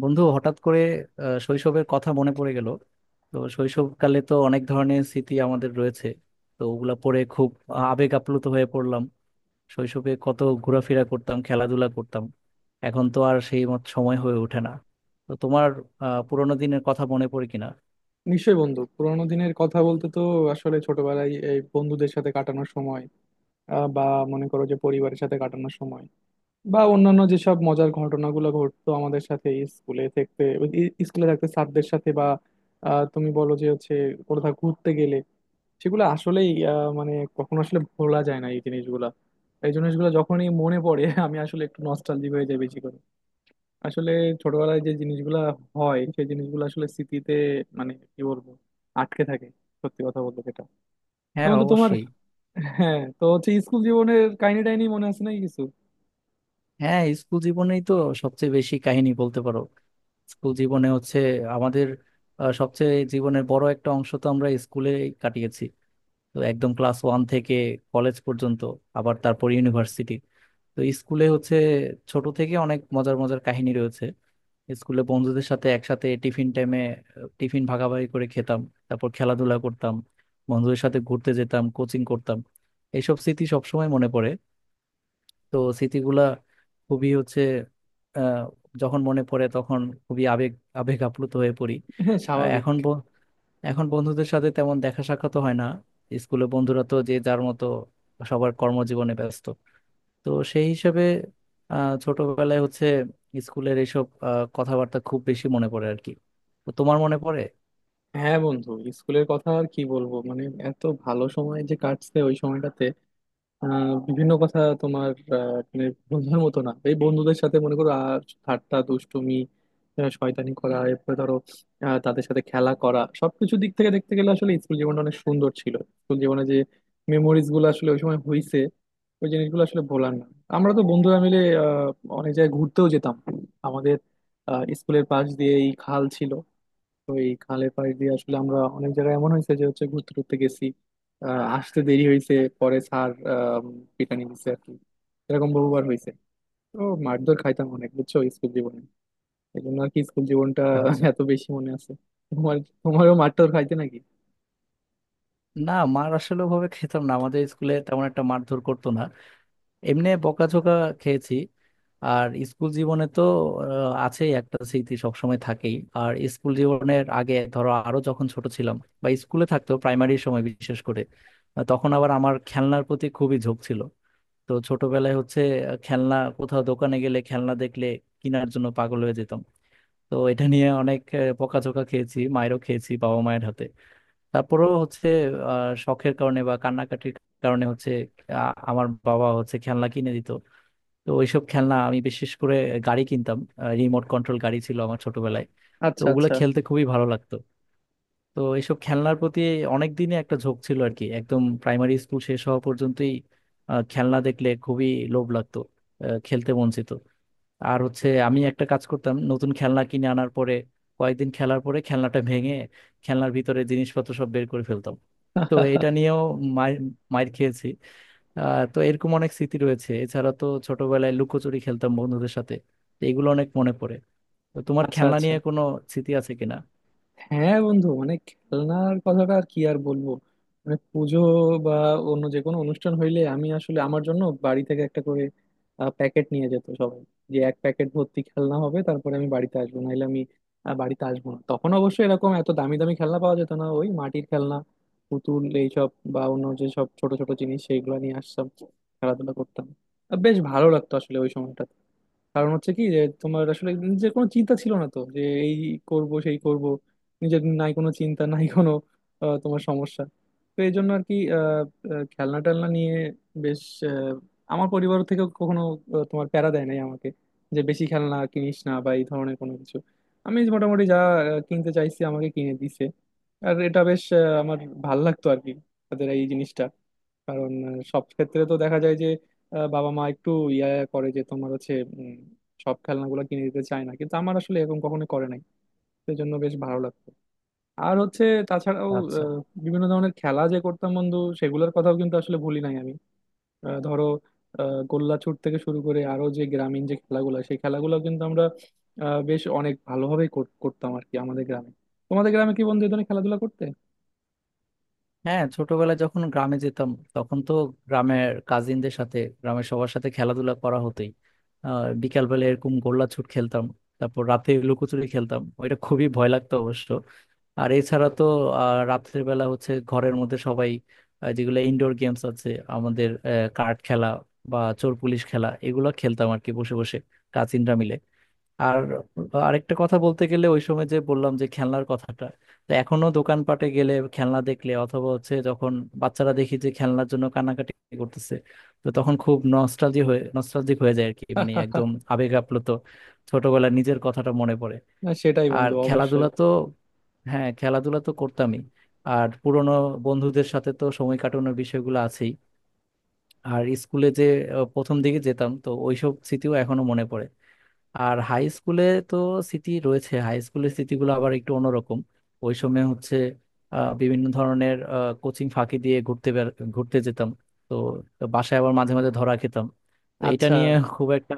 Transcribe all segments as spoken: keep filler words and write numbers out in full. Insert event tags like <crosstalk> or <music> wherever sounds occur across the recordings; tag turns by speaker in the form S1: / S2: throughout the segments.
S1: বন্ধু হঠাৎ করে আহ, শৈশবের কথা মনে পড়ে গেল। তো শৈশবকালে তো অনেক ধরনের স্মৃতি আমাদের রয়েছে। তো ওগুলা পড়ে খুব আবেগ আপ্লুত হয়ে পড়লাম। শৈশবে কত ঘোরাফেরা করতাম, খেলাধুলা করতাম, এখন তো আর সেই মত সময় হয়ে ওঠে না। তো তোমার আহ পুরোনো দিনের কথা মনে পড়ে কিনা?
S2: নিশ্চয়ই বন্ধু, পুরোনো দিনের কথা বলতে তো আসলে ছোটবেলায় এই বন্ধুদের সাথে কাটানোর সময়, আহ, বা মনে করো যে পরিবারের সাথে কাটানোর সময়, বা অন্যান্য যেসব মজার ঘটনাগুলো ঘটতো আমাদের সাথে স্কুলে থাকতে, ই- স্কুলে থাকতে স্যারদের সাথে, বা আহ, তুমি বলো যে হচ্ছে কোথাও ঘুরতে গেলে, সেগুলো আসলেই আহ, মানে কখনো আসলে ভোলা যায় না এই জিনিসগুলা। এই জিনিসগুলো যখনই মনে পড়ে আমি আসলে একটু নস্টালজিক হয়ে যাই বেশি করে। আসলে ছোটবেলায় যে জিনিসগুলা হয়, সেই জিনিসগুলো আসলে স্মৃতিতে, মানে কি বলবো, আটকে থাকে। সত্যি কথা বলতে যেটা। তো
S1: হ্যাঁ,
S2: বন্ধু তোমার।
S1: অবশ্যই।
S2: হ্যাঁ, তো হচ্ছে স্কুল জীবনের কাহিনী টাইনি মনে আছে নাকি কিছু।
S1: হ্যাঁ, স্কুল জীবনেই তো সবচেয়ে বেশি কাহিনী বলতে পারো। স্কুল জীবনে হচ্ছে আমাদের আহ, সবচেয়ে জীবনের বড় একটা অংশ তো আমরা স্কুলে কাটিয়েছি। তো একদম ক্লাস ওয়ান থেকে কলেজ পর্যন্ত, আবার তারপর ইউনিভার্সিটি। তো স্কুলে হচ্ছে ছোট থেকে অনেক মজার মজার কাহিনী রয়েছে। স্কুলে বন্ধুদের সাথে একসাথে টিফিন টাইমে টিফিন ভাগাভাগি করে খেতাম। তারপর খেলাধুলা করতাম, বন্ধুদের সাথে ঘুরতে যেতাম, কোচিং করতাম। এইসব স্মৃতি সবসময় মনে পড়ে। তো স্মৃতিগুলা খুবই হচ্ছে আহ, যখন মনে পড়ে তখন খুবই আবেগ আবেগ আপ্লুত হয়ে পড়ি।
S2: হ্যাঁ,
S1: আর
S2: স্বাভাবিক।
S1: এখন ব- এখন বন্ধুদের সাথে তেমন দেখা সাক্ষাৎ হয় না। স্কুলে বন্ধুরা তো যে যার মতো সবার কর্মজীবনে ব্যস্ত। তো সেই হিসাবে আহ, ছোটবেলায় হচ্ছে স্কুলের এইসব আহ, কথাবার্তা খুব বেশি মনে পড়ে আর কি। তো তোমার মনে পড়ে?
S2: হ্যাঁ বন্ধু, স্কুলের কথা আর কি বলবো, মানে এত ভালো সময় যে কাটছে ওই সময়টাতে। আহ, বিভিন্ন কথা তোমার, আহ, মানে বন্ধুদের মতো না, এই বন্ধুদের সাথে মনে করো আর ঠাট্টা দুষ্টুমি, আহ, শয়তানি করা, এরপরে ধরো আহ, তাদের সাথে খেলা করা, সবকিছু দিক থেকে দেখতে গেলে আসলে স্কুল জীবনটা অনেক সুন্দর ছিল। স্কুল জীবনে যে মেমোরিজ গুলো আসলে ওই সময় হইছে, ওই জিনিসগুলো আসলে ভোলার না। আমরা তো বন্ধুরা মিলে আহ, অনেক জায়গায় ঘুরতেও যেতাম। আমাদের আহ, স্কুলের পাশ দিয়ে এই খাল ছিল, তো এই খালের পাশ দিয়ে আসলে আমরা অনেক জায়গায় এমন হয়েছে যে হচ্ছে ঘুরতে টুরতে গেছি, আহ, আসতে দেরি হয়েছে, পরে স্যার আহ, পিটানি দিছে আর কি। এরকম বহুবার হয়েছে। তো মারধর খাইতাম অনেক, বুঝছো, স্কুল জীবনে। এই জন্য আর কি স্কুল জীবনটা
S1: আচ্ছা।
S2: <laughs> এত বেশি মনে আছে। তোমার, তোমারও মারধর খাইতে নাকি?
S1: না, মার আসলে ভাবে খেতাম না, আমাদের স্কুলে তেমন একটা মারধর করতো না। এমনি বকাঝকা খেয়েছি। আর স্কুল জীবনে তো আহ, আছেই একটা স্মৃতি সবসময় থাকেই। আর স্কুল জীবনের আগে ধরো, আরো যখন ছোট ছিলাম বা স্কুলে থাকতো প্রাইমারি সময় বিশেষ করে, আহ, তখন আবার আমার খেলনার প্রতি খুবই ঝোঁক ছিল। তো ছোটবেলায় হচ্ছে আহ, খেলনা কোথাও দোকানে গেলে, খেলনা দেখলে কেনার জন্য পাগল হয়ে যেতাম। তো এটা নিয়ে অনেক আহ, বকাঝকা খেয়েছি মায়েরও, খেয়েছি বাবা মায়ের হাতে। তারপরেও হচ্ছে আহ শখের কারণে বা কান্নাকাটির কারণে হচ্ছে আহ, আমার বাবা হচ্ছে খেলনা কিনে দিত। তো ওইসব খেলনা আমি বিশেষ করে গাড়ি কিনতাম। রিমোট কন্ট্রোল গাড়ি ছিল আমার ছোটবেলায়। তো
S2: আচ্ছা
S1: ওগুলো
S2: আচ্ছা।
S1: খেলতে খুবই ভালো লাগতো। তো এইসব খেলনার প্রতি অনেক দিনই একটা ঝোঁক ছিল আর কি, একদম প্রাইমারি স্কুল শেষ হওয়া পর্যন্তই। আহ, খেলনা দেখলে খুবই লোভ লাগতো, আহ, খেলতে মন চেত। আর হচ্ছে আমি একটা কাজ করতাম, নতুন খেলনা কিনে আনার পরে কয়েকদিন খেলার পরে খেলনাটা ভেঙে খেলনার ভিতরে জিনিসপত্র সব বের করে ফেলতাম। তো এটা নিয়েও মার মার খেয়েছি। আহ তো এরকম অনেক স্মৃতি রয়েছে। এছাড়া তো ছোটবেলায় লুকোচুরি খেলতাম বন্ধুদের সাথে। তো এগুলো অনেক মনে পড়ে। তো তোমার
S2: আচ্ছা
S1: খেলনা
S2: আচ্ছা।
S1: নিয়ে কোনো স্মৃতি আছে কিনা?
S2: হ্যাঁ বন্ধু, মানে খেলনার কথাটা আর কি আর বলবো। মানে পুজো বা অন্য যে কোনো অনুষ্ঠান হইলে আমি আসলে আমার জন্য বাড়ি থেকে একটা করে প্যাকেট নিয়ে যেত সবাই, যে এক প্যাকেট ভর্তি খেলনা হবে তারপরে আমি বাড়িতে আসবো, নাহলে আমি আহ, বাড়িতে আসবো না। তখন অবশ্য এরকম এত দামি দামি খেলনা পাওয়া যেত না, ওই মাটির খেলনা, পুতুল, এইসব বা অন্য যে সব ছোট ছোট জিনিস সেইগুলো নিয়ে আসতাম, খেলাধুলা করতাম। আহ, বেশ ভালো লাগতো আসলে ওই সময়টা, কারণ হচ্ছে কি যে তোমার আসলে নিজের কোনো চিন্তা ছিল না তো, যে এই করব সেই করব, নিজের নাই কোনো চিন্তা <laughs> নাই কোনো আহ, তোমার সমস্যা। তো এই জন্য আর কি, আহ, আহ, খেলনা টেলনা নিয়ে বেশ আহ, আমার পরিবার থেকে কখনো আহ, তোমার প্যারা দেয় নাই আমাকে, যে বেশি খেলনা কিনিস না বা এই ধরনের কোনো কিছু। আমি যে মোটামুটি যা আহ, কিনতে চাইছি আমাকে কিনে দিছে, আর এটা বেশ আহ, আমার ভাল লাগতো আর কি তাদের এই জিনিসটা। কারণ আহ, সব ক্ষেত্রে তো দেখা যায় যে আহ, বাবা মা একটু ইয়া করে, যে তোমার হচ্ছে উম, সব খেলনাগুলো কিনে দিতে চায় না, কিন্তু আমার আসলে এরকম কখনো করে নাই। সেই জন্য বেশ ভালো লাগতো। আর হচ্ছে তাছাড়াও
S1: আচ্ছা।
S2: আহ, বিভিন্ন ধরনের খেলা যে করতাম বন্ধু, সেগুলোর কথাও কিন্তু আসলে ভুলি নাই আমি। আহ, ধরো আহ, গোল্লা ছুট থেকে শুরু করে আরো যে গ্রামীণ যে খেলাগুলো, সেই খেলাগুলো কিন্তু আমরা আহ, বেশ অনেক ভালোভাবেই কর- করতাম আর কি আমাদের গ্রামে। তোমাদের গ্রামে কি বন্ধু এই ধরনের খেলাধুলা করতে?
S1: হ্যাঁ, ছোটবেলায় যখন গ্রামে যেতাম, তখন তো গ্রামের কাজিনদের সাথে, গ্রামের সবার সাথে খেলাধুলা করা হতোই। আহ বিকালবেলা এরকম গোল্লাছুট খেলতাম, তারপর রাতে লুকোচুরি খেলতাম, ওইটা খুবই ভয় লাগতো অবশ্য। আর এছাড়া তো আহ, রাত্রের বেলা হচ্ছে ঘরের মধ্যে সবাই আহ, যেগুলো ইনডোর গেমস আছে আমাদের, কার্ড খেলা বা চোর পুলিশ খেলা এগুলো খেলতাম আর কি, বসে বসে কাজিনরা মিলে। আর আরেকটা কথা বলতে গেলে, ওই সময় যে বললাম যে খেলনার কথাটা, তো এখনো দোকানপাটে গেলে খেলনা দেখলে, অথবা হচ্ছে যখন বাচ্চারা দেখি যে খেলনার জন্য কান্নাকাটি করতেছে, তো তখন খুব নস্টালজি হয়ে নস্টালজিক হয়ে যায় আর কি। মানে একদম আবেগ আপ্লুত, ছোটবেলার নিজের কথাটা মনে পড়ে।
S2: না সেটাই
S1: আর
S2: বন্ধু,
S1: খেলাধুলা
S2: অবশ্যই।
S1: তো, হ্যাঁ, খেলাধুলা তো করতামই। আর পুরনো বন্ধুদের সাথে তো সময় কাটানোর বিষয়গুলো আছেই। আর স্কুলে যে আহ, প্রথম দিকে যেতাম, তো ওইসব স্মৃতিও এখনো মনে পড়ে। আর হাই স্কুলে তো স্মৃতি রয়েছে, হাই স্কুলের স্মৃতিগুলো আবার একটু অন্যরকম। ওই সময় হচ্ছে আহ, বিভিন্ন ধরনের কোচিং ফাঁকি দিয়ে ঘুরতে বের- ঘুরতে যেতাম। তো বাসায় আবার মাঝে মাঝে ধরা খেতাম। তো এটা
S2: আচ্ছা।
S1: নিয়ে খুব একটা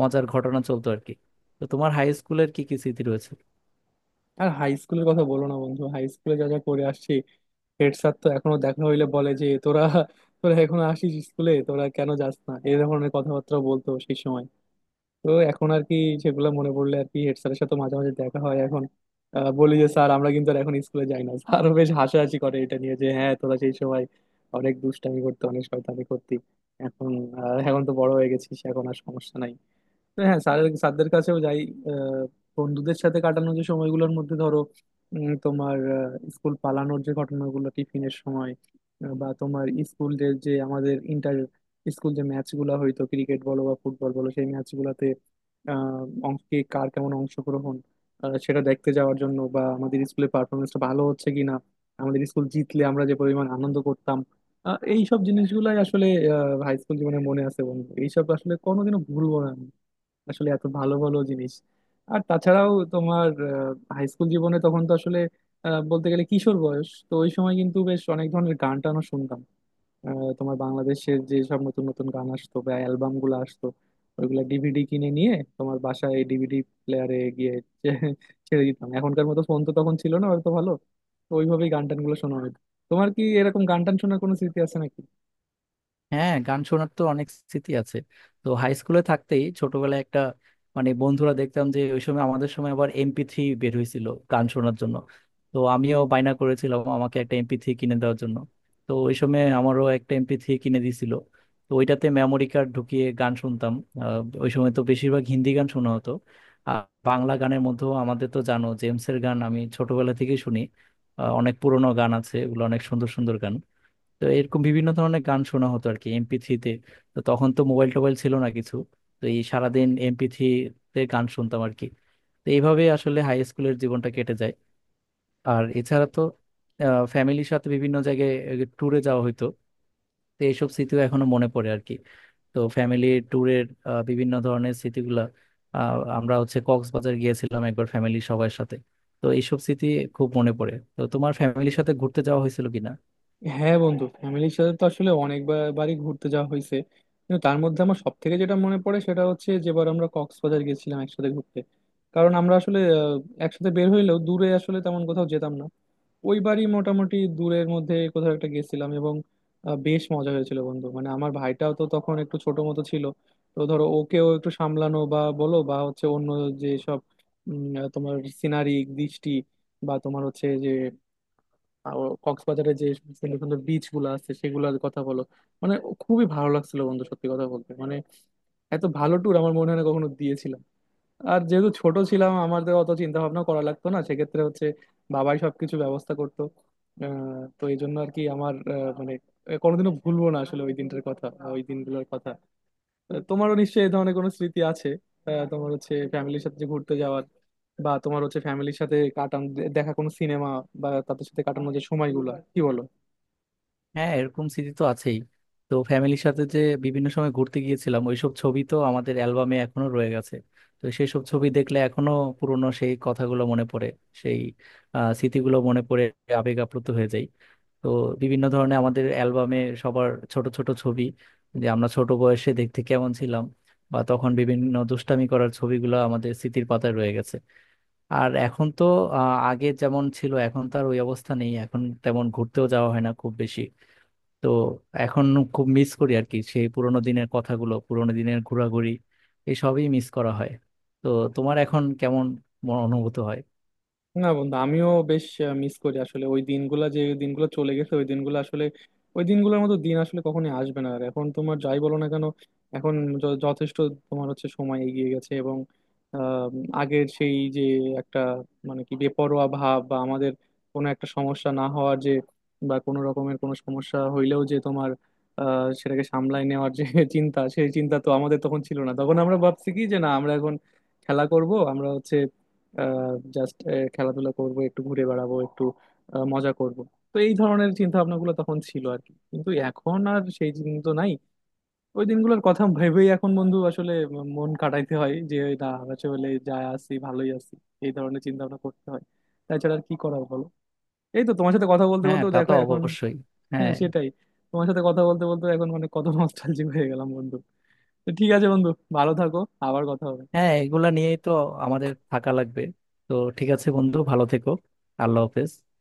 S1: মজার ঘটনা চলতো আর কি। তো তোমার হাই স্কুলের কি কি স্মৃতি রয়েছে?
S2: আর হাই স্কুলের কথা বলো না বন্ধু, হাই স্কুলে যা যা করে আসছি, হেড স্যার তো এখনো দেখা হইলে বলে যে তোরা, তোরা এখনো আসিস স্কুলে, তোরা কেন যাস না, এই ধরনের কথাবার্তা বলতো সেই সময়। তো এখন আর কি, সেগুলো মনে পড়লে আর কি। হেড স্যারের সাথে মাঝে মাঝে দেখা হয় এখন। আহ, বলি যে স্যার আমরা কিন্তু আর এখন স্কুলে যাই না। স্যারও বেশ হাসাহাসি করে এটা নিয়ে যে হ্যাঁ, তোরা সেই সময় অনেক দুষ্টামি করতে, অনেক শয়তানি করতি, এখন আহ, এখন তো বড় হয়ে গেছিস, এখন আর সমস্যা নাই। হ্যাঁ, স্যারের, স্যারদের কাছেও যাই। আহ, বন্ধুদের সাথে কাটানো যে সময়গুলোর মধ্যে ধরো উম, তোমার আহ, স্কুল পালানোর যে ঘটনাগুলো টিফিনের সময়, আহ, বা তোমার স্কুলের যে আমাদের ইন্টার স্কুল যে ম্যাচ গুলা হইতো, ক্রিকেট বলো বা ফুটবল বলো, সেই ম্যাচ গুলাতে আহ অং- কে কার কেমন অংশগ্রহণ, আহ, সেটা দেখতে যাওয়ার জন্য বা আমাদের স্কুলের পারফরমেন্সটা ভালো হচ্ছে কিনা, আমাদের স্কুল জিতলে আমরা যে পরিমাণ আনন্দ করতাম, আহ, এইসব জিনিসগুলাই আসলে হাই স্কুল জীবনে মনে আছে বন্ধু। এইসব আসলে কোনোদিনও ভুলবো না আসলে, এত ভালো ভালো জিনিস। আর তাছাড়াও তোমার, হাই স্কুল জীবনে তখন তো আসলে আহ, বলতে গেলে কিশোর বয়স, তো ওই সময় কিন্তু বেশ অনেক ধরনের গান টানও শুনতাম। আহ, তোমার বাংলাদেশের যে সব নতুন নতুন গান আসতো বা অ্যালবাম গুলো আসতো, ওইগুলা ডিভিডি কিনে নিয়ে তোমার বাসায় ডিভিডি প্লেয়ারে গিয়ে <laughs> ছে- ছেড়ে দিতাম। এখনকার মতো ফোন তো তখন ছিল না হয়তো ভালো, তো ওইভাবেই গান টান গুলো শোনা হতো। তোমার কি এরকম গান টান শোনার কোনো স্মৃতি আছে নাকি?
S1: হ্যাঁ, গান শোনার তো অনেক স্মৃতি আছে। তো হাই স্কুলে থাকতেই ছোটবেলায় একটা, মানে বন্ধুরা দেখতাম যে ওই সময়, আমাদের সময় আবার এমপি থ্রি বের হয়েছিল গান শোনার জন্য। তো আমিও বায়না করেছিলাম আমাকে একটা এমপি থ্রি কিনে দেওয়ার জন্য। তো ওই সময় আমারও একটা এমপি থ্রি কিনে দিয়েছিল। তো ওইটাতে মেমোরি কার্ড ঢুকিয়ে গান শুনতাম। আহ, ওই সময় তো বেশিরভাগ হিন্দি গান শোনা হতো। আর বাংলা গানের মধ্যেও আমাদের তো, জানো, জেমসের গান আমি ছোটবেলা থেকেই শুনি। আহ, অনেক পুরোনো গান আছে, ওগুলো অনেক সুন্দর সুন্দর গান। তো এরকম বিভিন্ন ধরনের গান শোনা হতো আর কি এমপি থ্রিতে। তো তখন তো মোবাইল টোবাইল ছিল না কিছু। তো এই সারাদিন এমপি থ্রিতে গান শুনতাম আর কি। তো এইভাবে আসলে হাই স্কুলের জীবনটা কেটে যায়। আর এছাড়া তো ফ্যামিলির সাথে বিভিন্ন জায়গায় ট্যুরে যাওয়া হতো। তো এইসব স্মৃতিও এখনো মনে পড়ে আর কি। তো ফ্যামিলি ট্যুরের বিভিন্ন ধরনের স্মৃতিগুলা, আহ, আমরা হচ্ছে কক্সবাজার গিয়েছিলাম একবার ফ্যামিলি সবার সাথে। তো এইসব স্মৃতি খুব মনে পড়ে। তো তোমার ফ্যামিলির সাথে ঘুরতে যাওয়া হয়েছিল কিনা?
S2: হ্যাঁ বন্ধু, ফ্যামিলির সাথে তো আসলে অনেকবারই ঘুরতে যাওয়া হয়েছে, কিন্তু তার মধ্যে আমার সব থেকে যেটা মনে পড়ে সেটা হচ্ছে যেবার আমরা কক্সবাজার গেছিলাম একসাথে ঘুরতে। কারণ আমরা আসলে আহ, একসাথে বের হইলেও দূরে আসলে তেমন কোথাও যেতাম না, ওইবারই মোটামুটি দূরের মধ্যে কোথাও একটা গেছিলাম, এবং আহ, বেশ মজা হয়েছিল বন্ধু। মানে আমার ভাইটাও তো তখন একটু ছোট মতো ছিল, তো ধরো ওকেও একটু সামলানো বা বলো, বা হচ্ছে অন্য যে সব উম, তোমার সিনারি দৃষ্টি বা তোমার হচ্ছে যে, আর কক্সবাজারে যে সুন্দর সুন্দর বিচ গুলো আছে সেগুলোর কথা বলো, মানে খুবই ভালো লাগছিল বন্ধু। সত্যি কথা বলতে মানে, এত ভালো ট্যুর আমার মনে হয় না কখনো দিয়েছিলাম। আর যেহেতু ছোট ছিলাম আমাদের অত চিন্তা ভাবনা করা লাগতো না, সেক্ষেত্রে হচ্ছে বাবাই সবকিছু ব্যবস্থা করতো। আহ, তো এই জন্য আর কি আমার, আহ, মানে কোনোদিনও ভুলবো না আসলে ওই দিনটার কথা বা ওই দিনগুলোর কথা। আহ, তোমারও নিশ্চয়ই এই ধরনের কোনো স্মৃতি আছে। আহ, তোমার হচ্ছে ফ্যামিলির সাথে যে ঘুরতে যাওয়ার, বা তোমার হচ্ছে ফ্যামিলির সাথে কাটানো দেখা কোনো সিনেমা বা তাদের সাথে কাটানো যে সময়গুলো, কি বলো?
S1: হ্যাঁ, এরকম স্মৃতি তো আছেই। তো ফ্যামিলির সাথে যে বিভিন্ন সময় ঘুরতে গিয়েছিলাম ওইসব ছবি তো আমাদের অ্যালবামে এখনো রয়ে গেছে। তো সেই সব ছবি দেখলে এখনো পুরনো সেই কথাগুলো মনে পড়ে, সেই আহ, স্মৃতিগুলো মনে পড়ে, আবেগ আপ্লুত হয়ে যায়। তো বিভিন্ন ধরনের আমাদের অ্যালবামে সবার ছোট ছোট ছবি, যে আমরা ছোট বয়সে দেখতে কেমন ছিলাম, বা তখন বিভিন্ন দুষ্টামি করার ছবিগুলো আমাদের স্মৃতির পাতায় রয়ে গেছে। আর এখন তো আহ, আগে যেমন ছিল এখন তো আর ওই অবস্থা নেই, এখন তেমন ঘুরতেও যাওয়া হয় না খুব বেশি। তো এখন খুব মিস করি আর কি সেই পুরোনো দিনের কথাগুলো, পুরোনো দিনের ঘোরাঘুরি, এসবই মিস করা হয়। তো তোমার এখন কেমন মন- অনুভূত হয়?
S2: না বন্ধু, আমিও বেশ মিস করি আসলে ওই দিনগুলা। যে দিনগুলো চলে গেছে, ওই দিনগুলো আসলে, ওই দিনগুলোর মতো দিন আসলে কখনোই আসবে না আর, এখন তোমার যাই বলো না কেন। এখন য- যথেষ্ট তোমার হচ্ছে সময় এগিয়ে গেছে, এবং আহ, আগের সেই যে একটা মানে কি বেপরোয়া ভাব, বা আমাদের কোনো একটা সমস্যা না হওয়ার যে, বা কোনো রকমের কোনো সমস্যা হইলেও যে তোমার আহ, সেটাকে সামলাই নেওয়ার যে <laughs> চিন্তা, সেই চিন্তা তো আমাদের তখন ছিল না। তখন আমরা ভাবছি কি, যে না আমরা এখন খেলা করব, আমরা হচ্ছে জাস্ট খেলাধুলা করব, একটু ঘুরে বেড়াবো, একটু আহ, মজা করব। তো এই ধরনের চিন্তা ভাবনাগুলো তখন ছিল আর কি, কিন্তু এখন আর সেই দিন তো নাই। ওই দিনগুলোর কথা ভেবেই এখন বন্ধু আসলে মন কাটাইতে হয় যে না, আসলে যা আছি ভালোই আছি, এই ধরনের চিন্তা ভাবনা করতে হয়। তাছাড়া আর কি করার বলো? এই তো তোমার সাথে কথা বলতে
S1: হ্যাঁ,
S2: বলতেও
S1: তা
S2: দেখো
S1: তো
S2: এখন।
S1: অবশ্যই।
S2: হ্যাঁ
S1: হ্যাঁ।
S2: সেটাই, তোমার সাথে কথা বলতে বলতে এখন অনেক কত নস্টালজিক হয়ে গেলাম বন্ধু। তো ঠিক আছে বন্ধু, ভালো থাকো, আবার কথা হবে।
S1: হ্যাঁ, এগুলা নিয়েই তো আমাদের থাকা লাগবে। তো ঠিক আছে বন্ধু, ভালো থেকো। আল্লাহ হাফেজ।